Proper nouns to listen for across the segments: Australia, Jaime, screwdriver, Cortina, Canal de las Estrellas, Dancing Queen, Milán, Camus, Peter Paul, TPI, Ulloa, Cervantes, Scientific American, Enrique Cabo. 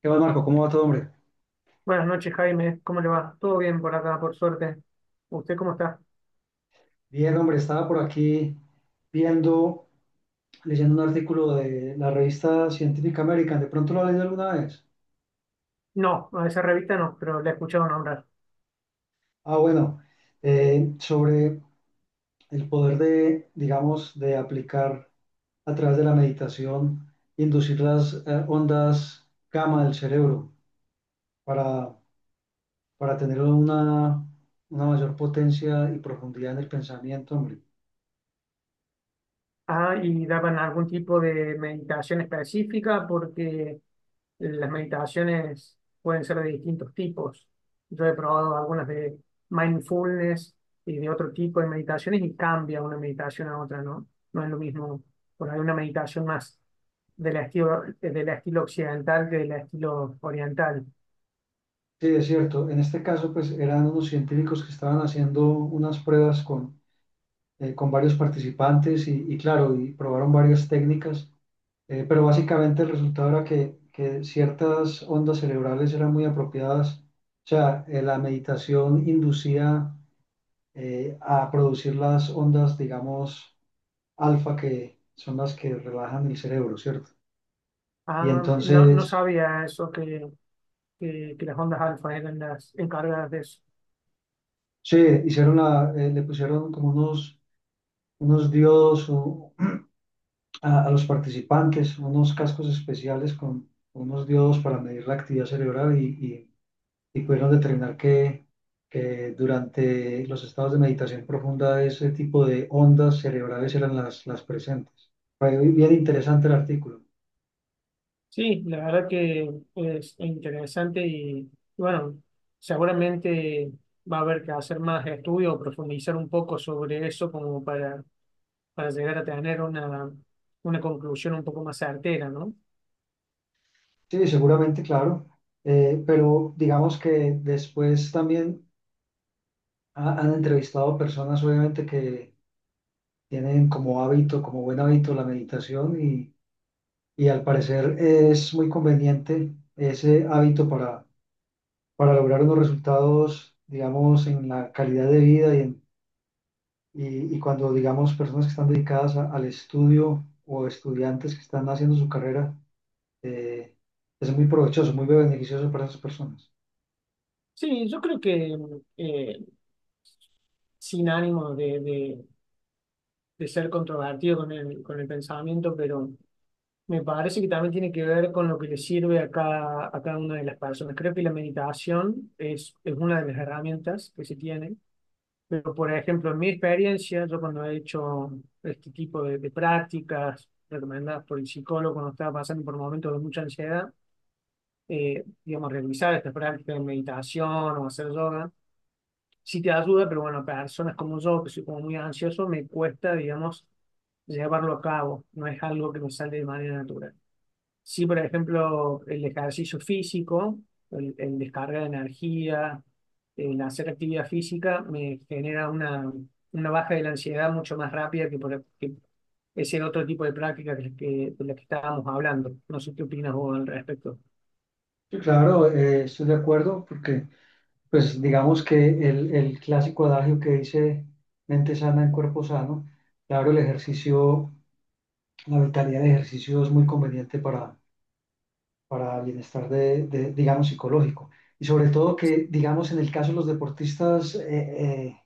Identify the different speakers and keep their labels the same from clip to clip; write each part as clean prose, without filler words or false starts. Speaker 1: ¿Qué más, Marco? ¿Cómo va todo, hombre?
Speaker 2: Buenas noches, Jaime. ¿Cómo le va? Todo bien por acá, por suerte. ¿Usted cómo está?
Speaker 1: Bien, hombre, estaba por aquí viendo, leyendo un artículo de la revista Scientific American. ¿De pronto lo has leído alguna vez?
Speaker 2: No, a esa revista no, pero la he escuchado nombrar.
Speaker 1: Ah, bueno, sobre el poder de, digamos, de aplicar a través de la meditación, inducir las ondas gamma del cerebro, para, para tener una mayor potencia y profundidad en el pensamiento, hombre.
Speaker 2: Ah, ¿y daban algún tipo de meditación específica? Porque las meditaciones pueden ser de distintos tipos. Yo he probado algunas de mindfulness y de otro tipo de meditaciones y cambia una meditación a otra, ¿no? No es lo mismo. Por ahí una meditación más del estilo occidental que del estilo oriental.
Speaker 1: Sí, es cierto. En este caso, pues eran unos científicos que estaban haciendo unas pruebas con varios participantes y, claro, y probaron varias técnicas, pero básicamente el resultado era que ciertas ondas cerebrales eran muy apropiadas. O sea, la meditación inducía a producir las ondas, digamos, alfa, que son las que relajan el cerebro, ¿cierto? Y
Speaker 2: Ah, no, no
Speaker 1: entonces,
Speaker 2: sabía eso, que las ondas alfa eran las encargadas de eso.
Speaker 1: sí, hicieron la, le pusieron como unos, unos diodos, o a los participantes unos cascos especiales con unos diodos para medir la actividad cerebral y pudieron determinar que durante los estados de meditación profunda ese tipo de ondas cerebrales eran las presentes. Fue bien interesante el artículo.
Speaker 2: Sí, la verdad que es interesante y bueno, seguramente va a haber que hacer más estudios o profundizar un poco sobre eso como para llegar a tener una conclusión un poco más certera, ¿no?
Speaker 1: Sí, seguramente, claro, pero digamos que después también han entrevistado personas obviamente que tienen como hábito, como buen hábito la meditación y al parecer es muy conveniente ese hábito para lograr unos resultados, digamos, en la calidad de vida y cuando, digamos, personas que están dedicadas al estudio o estudiantes que están haciendo su carrera, eh, es muy provechoso, muy beneficioso para esas personas.
Speaker 2: Sí, yo creo que eh, sin ánimo de ser controvertido con el pensamiento, pero me parece que también tiene que ver con lo que le sirve a cada una de las personas. Creo que la meditación es una de las herramientas que se tiene, pero por ejemplo, en mi experiencia, yo cuando he hecho este tipo de prácticas recomendadas por el psicólogo cuando estaba pasando por momentos de mucha ansiedad, digamos, realizar estas prácticas de meditación o hacer yoga, sí te ayuda, pero bueno, personas como yo, que soy como muy ansioso, me cuesta, digamos, llevarlo a cabo, no es algo que me sale de manera natural. Sí, por ejemplo, el ejercicio físico, el descargar de energía, el hacer actividad física me genera una baja de la ansiedad mucho más rápida que ese otro tipo de práctica de la que estábamos hablando. No sé qué opinas vos al respecto.
Speaker 1: Sí, claro, estoy de acuerdo porque, pues, digamos que el clásico adagio que dice mente sana en cuerpo sano, claro, el ejercicio, la vitalidad del ejercicio es muy conveniente para bienestar de, digamos, psicológico. Y sobre todo que, digamos, en el caso de los deportistas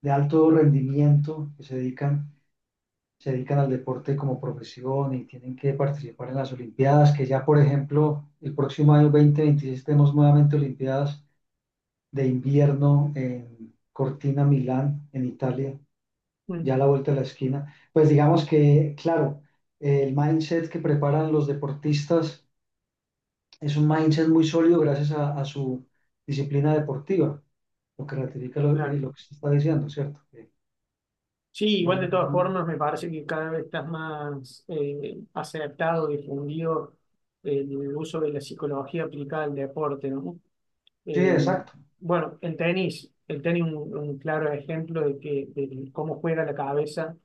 Speaker 1: de alto rendimiento que se dedican al deporte como profesión y tienen que participar en las Olimpiadas, que ya, por ejemplo, el próximo año 2026 tenemos nuevamente Olimpiadas de invierno en Cortina, Milán, en Italia,
Speaker 2: Mm,
Speaker 1: ya a la vuelta de la esquina. Pues digamos que, claro, el mindset que preparan los deportistas es un mindset muy sólido gracias a su disciplina deportiva, lo que ratifica
Speaker 2: claro.
Speaker 1: lo que se está diciendo, ¿cierto? Que
Speaker 2: Sí,
Speaker 1: lo-
Speaker 2: igual de todas formas me parece que cada vez estás más aceptado, difundido el uso de la psicología aplicada al deporte, ¿no?
Speaker 1: sí,
Speaker 2: Eh,
Speaker 1: exacto.
Speaker 2: bueno, el tenis es un claro ejemplo de cómo juega la cabeza.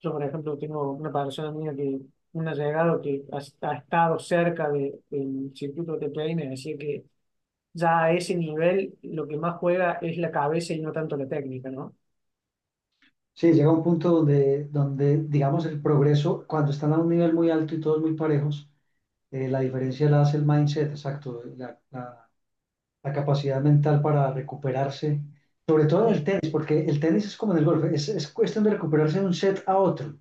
Speaker 2: Yo, por ejemplo, tengo una persona mía un allegado que ha estado cerca del circuito de TPI y me decía que ya a ese nivel lo que más juega es la cabeza y no tanto la técnica, ¿no?
Speaker 1: Sí, llega un punto donde, donde, digamos, el progreso, cuando están a un nivel muy alto y todos muy parejos, la diferencia la hace el mindset, exacto, la capacidad mental para recuperarse, sobre todo en el
Speaker 2: Eh,
Speaker 1: tenis, porque el tenis es como en el golf, es cuestión de recuperarse de un set a otro,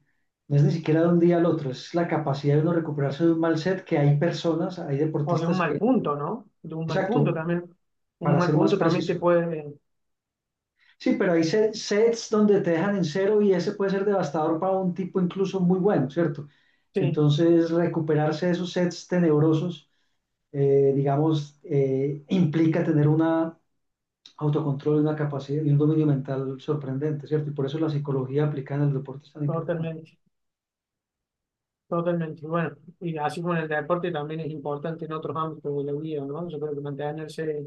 Speaker 1: no es ni siquiera de un día al otro, es la capacidad de uno recuperarse de un mal set que hay personas, hay
Speaker 2: o de un
Speaker 1: deportistas
Speaker 2: mal
Speaker 1: que,
Speaker 2: punto, ¿no? De un mal punto
Speaker 1: exacto,
Speaker 2: también. Un
Speaker 1: para
Speaker 2: mal
Speaker 1: ser más
Speaker 2: punto también te
Speaker 1: preciso.
Speaker 2: puede.
Speaker 1: Sí, pero hay sets donde te dejan en cero y ese puede ser devastador para un tipo incluso muy bueno, ¿cierto?
Speaker 2: Sí,
Speaker 1: Entonces, recuperarse de esos sets tenebrosos, digamos, implica tener una autocontrol y una capacidad y un dominio mental sorprendente, ¿cierto? Y por eso la psicología aplicada en el deporte es tan importante.
Speaker 2: totalmente. Totalmente. Y bueno, y así como en el deporte también es importante en otros ámbitos de la vida, ¿no? Yo creo que mantenerse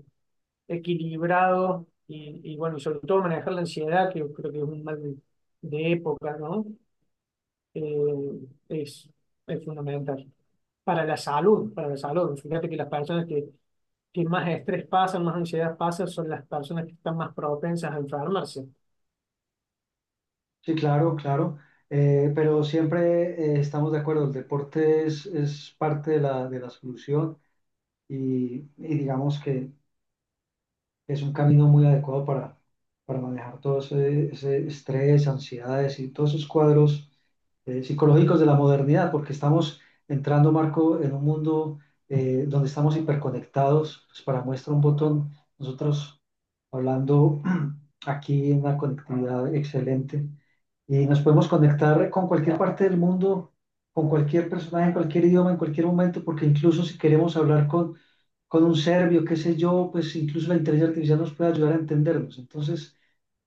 Speaker 2: equilibrado y bueno, y sobre todo manejar la ansiedad, que yo creo que es un mal de época, ¿no? Eh, es, es fundamental. Para la salud, fíjate que las personas que más estrés pasan, más ansiedad pasan, son las personas que están más propensas a enfermarse,
Speaker 1: Sí, claro, claro. Pero siempre estamos de acuerdo, el deporte es parte de la solución y digamos que es un camino muy adecuado para manejar todo ese, ese estrés, ansiedades y todos esos cuadros psicológicos de la modernidad, porque estamos entrando, Marco, en un mundo donde estamos hiperconectados. Pues para muestra un botón, nosotros hablando aquí en una conectividad excelente y nos podemos conectar con cualquier parte del mundo, con cualquier personaje, en cualquier idioma, en cualquier momento, porque incluso si queremos hablar con un serbio, qué sé yo, pues incluso la inteligencia artificial nos puede ayudar a entendernos. Entonces,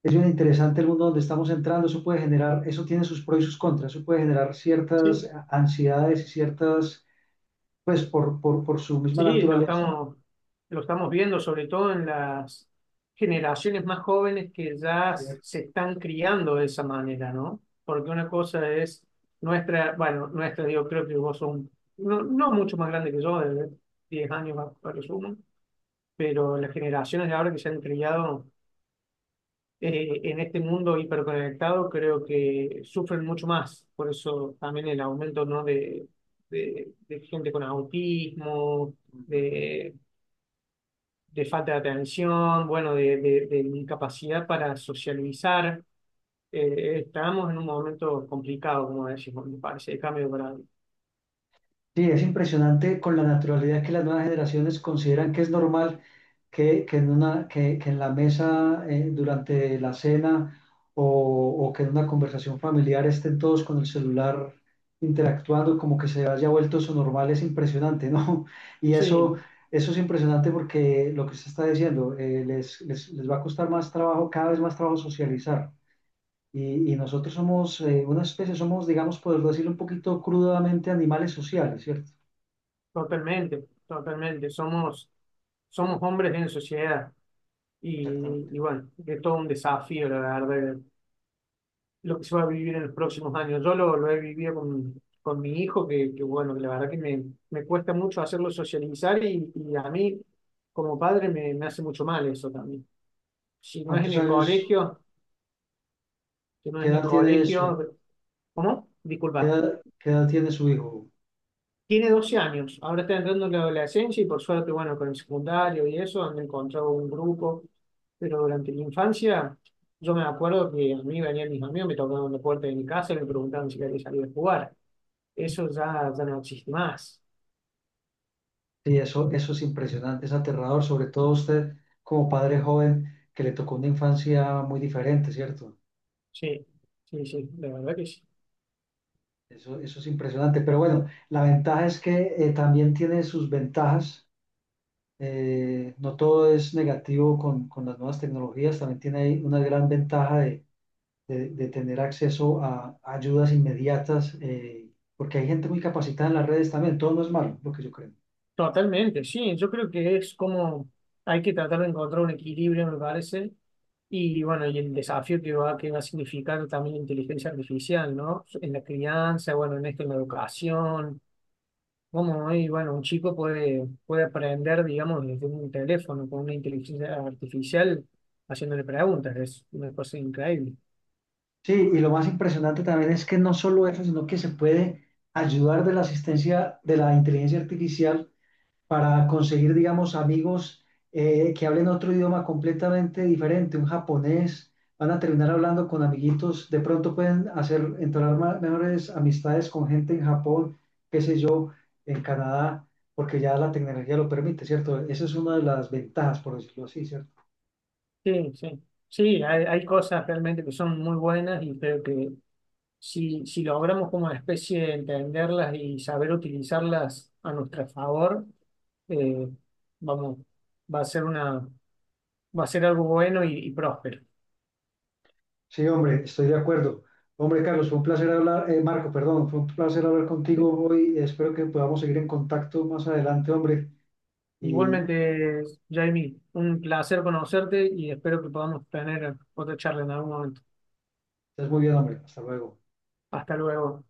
Speaker 1: es bien interesante el mundo donde estamos entrando, eso puede generar, eso tiene sus pros y sus contras, eso puede generar ciertas
Speaker 2: ¿sí?
Speaker 1: ansiedades y ciertas, pues por su misma
Speaker 2: Sí, lo
Speaker 1: naturaleza,
Speaker 2: estamos, lo estamos viendo, sobre todo en las generaciones más jóvenes que ya
Speaker 1: ¿cierto?
Speaker 2: se están criando de esa manera, ¿no? Porque una cosa es nuestra, bueno, nuestra, yo creo que vos sos no, no mucho más grande que yo, de 10 años a lo sumo, pero las generaciones de ahora que se han criado en este mundo hiperconectado creo que sufren mucho más. Por eso también el aumento, ¿no? de gente con autismo, de de falta de atención, bueno, de incapacidad para socializar. Estamos en un momento complicado, como decimos, me parece, de cambio de paradigma.
Speaker 1: Sí, es impresionante con la naturalidad que las nuevas generaciones consideran que es normal que en una, que en la mesa, durante la cena o, o que en una conversación familiar estén todos con el celular interactuando, como que se haya vuelto eso normal, es impresionante, ¿no? Y eso,
Speaker 2: Sí,
Speaker 1: eso es impresionante porque lo que usted está diciendo, les va a costar más trabajo, cada vez más trabajo socializar. Y nosotros somos una especie, somos, digamos, poder decirlo un poquito crudamente, animales sociales, ¿cierto?
Speaker 2: totalmente, totalmente. Somos hombres en sociedad y,
Speaker 1: Exactamente.
Speaker 2: y bueno, es todo un desafío, la verdad, lo que se va a vivir en los próximos años. Yo lo he vivido con mi hijo, que bueno, que la verdad que me cuesta mucho hacerlo socializar y a mí como padre me hace mucho mal eso también. Si no es en
Speaker 1: ¿Cuántos
Speaker 2: el
Speaker 1: años,
Speaker 2: colegio, si no
Speaker 1: qué
Speaker 2: es en el
Speaker 1: edad tiene su hijo?
Speaker 2: colegio, ¿cómo? Disculpa.
Speaker 1: Qué edad tiene su hijo?
Speaker 2: Tiene 12 años, ahora está entrando en la adolescencia y por suerte, bueno, con el secundario y eso, han encontrado un grupo, pero durante la infancia yo me acuerdo que a mí venían mis amigos, me tocaban la puerta de mi casa y me preguntaban si quería salir a jugar. Eso ya, ya no existe más.
Speaker 1: Sí, eso es impresionante, es aterrador, sobre todo usted como padre joven que le tocó una infancia muy diferente, ¿cierto?
Speaker 2: Sí, sí, sí, la verdad que sí.
Speaker 1: Eso es impresionante. Pero bueno, la ventaja es que también tiene sus ventajas. No todo es negativo con las nuevas tecnologías, también tiene ahí una gran ventaja de, de tener acceso a ayudas inmediatas, porque hay gente muy capacitada en las redes también, todo no es malo, lo que yo creo.
Speaker 2: Totalmente, sí, yo creo que es como hay que tratar de encontrar un equilibrio, me parece, y bueno, y el desafío que va a significar también la inteligencia artificial, ¿no? En la crianza, bueno, en esto, en la educación, cómo, hoy, bueno, un chico puede aprender, digamos, desde un teléfono con una inteligencia artificial haciéndole preguntas, es una cosa increíble.
Speaker 1: Sí, y lo más impresionante también es que no solo eso, sino que se puede ayudar de la asistencia de la inteligencia artificial para conseguir, digamos, amigos que hablen otro idioma completamente diferente, un japonés. Van a terminar hablando con amiguitos, de pronto pueden hacer, entablar mejores amistades con gente en Japón, qué sé yo, en Canadá, porque ya la tecnología lo permite, ¿cierto? Esa es una de las ventajas, por decirlo así, ¿cierto?
Speaker 2: Sí, sí, sí, hay cosas realmente que son muy buenas y creo que si logramos como especie entenderlas y saber utilizarlas a nuestro favor, eh, vamos, va a ser una, va a ser algo bueno y próspero.
Speaker 1: Sí, hombre, estoy de acuerdo. Hombre, Carlos, fue un placer hablar, Marco, perdón, fue un placer hablar
Speaker 2: ¿Sí?
Speaker 1: contigo hoy. Espero que podamos seguir en contacto más adelante, hombre. Y
Speaker 2: Igualmente, Jamie, un placer conocerte y espero que podamos tener otra charla en algún momento.
Speaker 1: estás muy bien, hombre. Hasta luego.
Speaker 2: Hasta luego.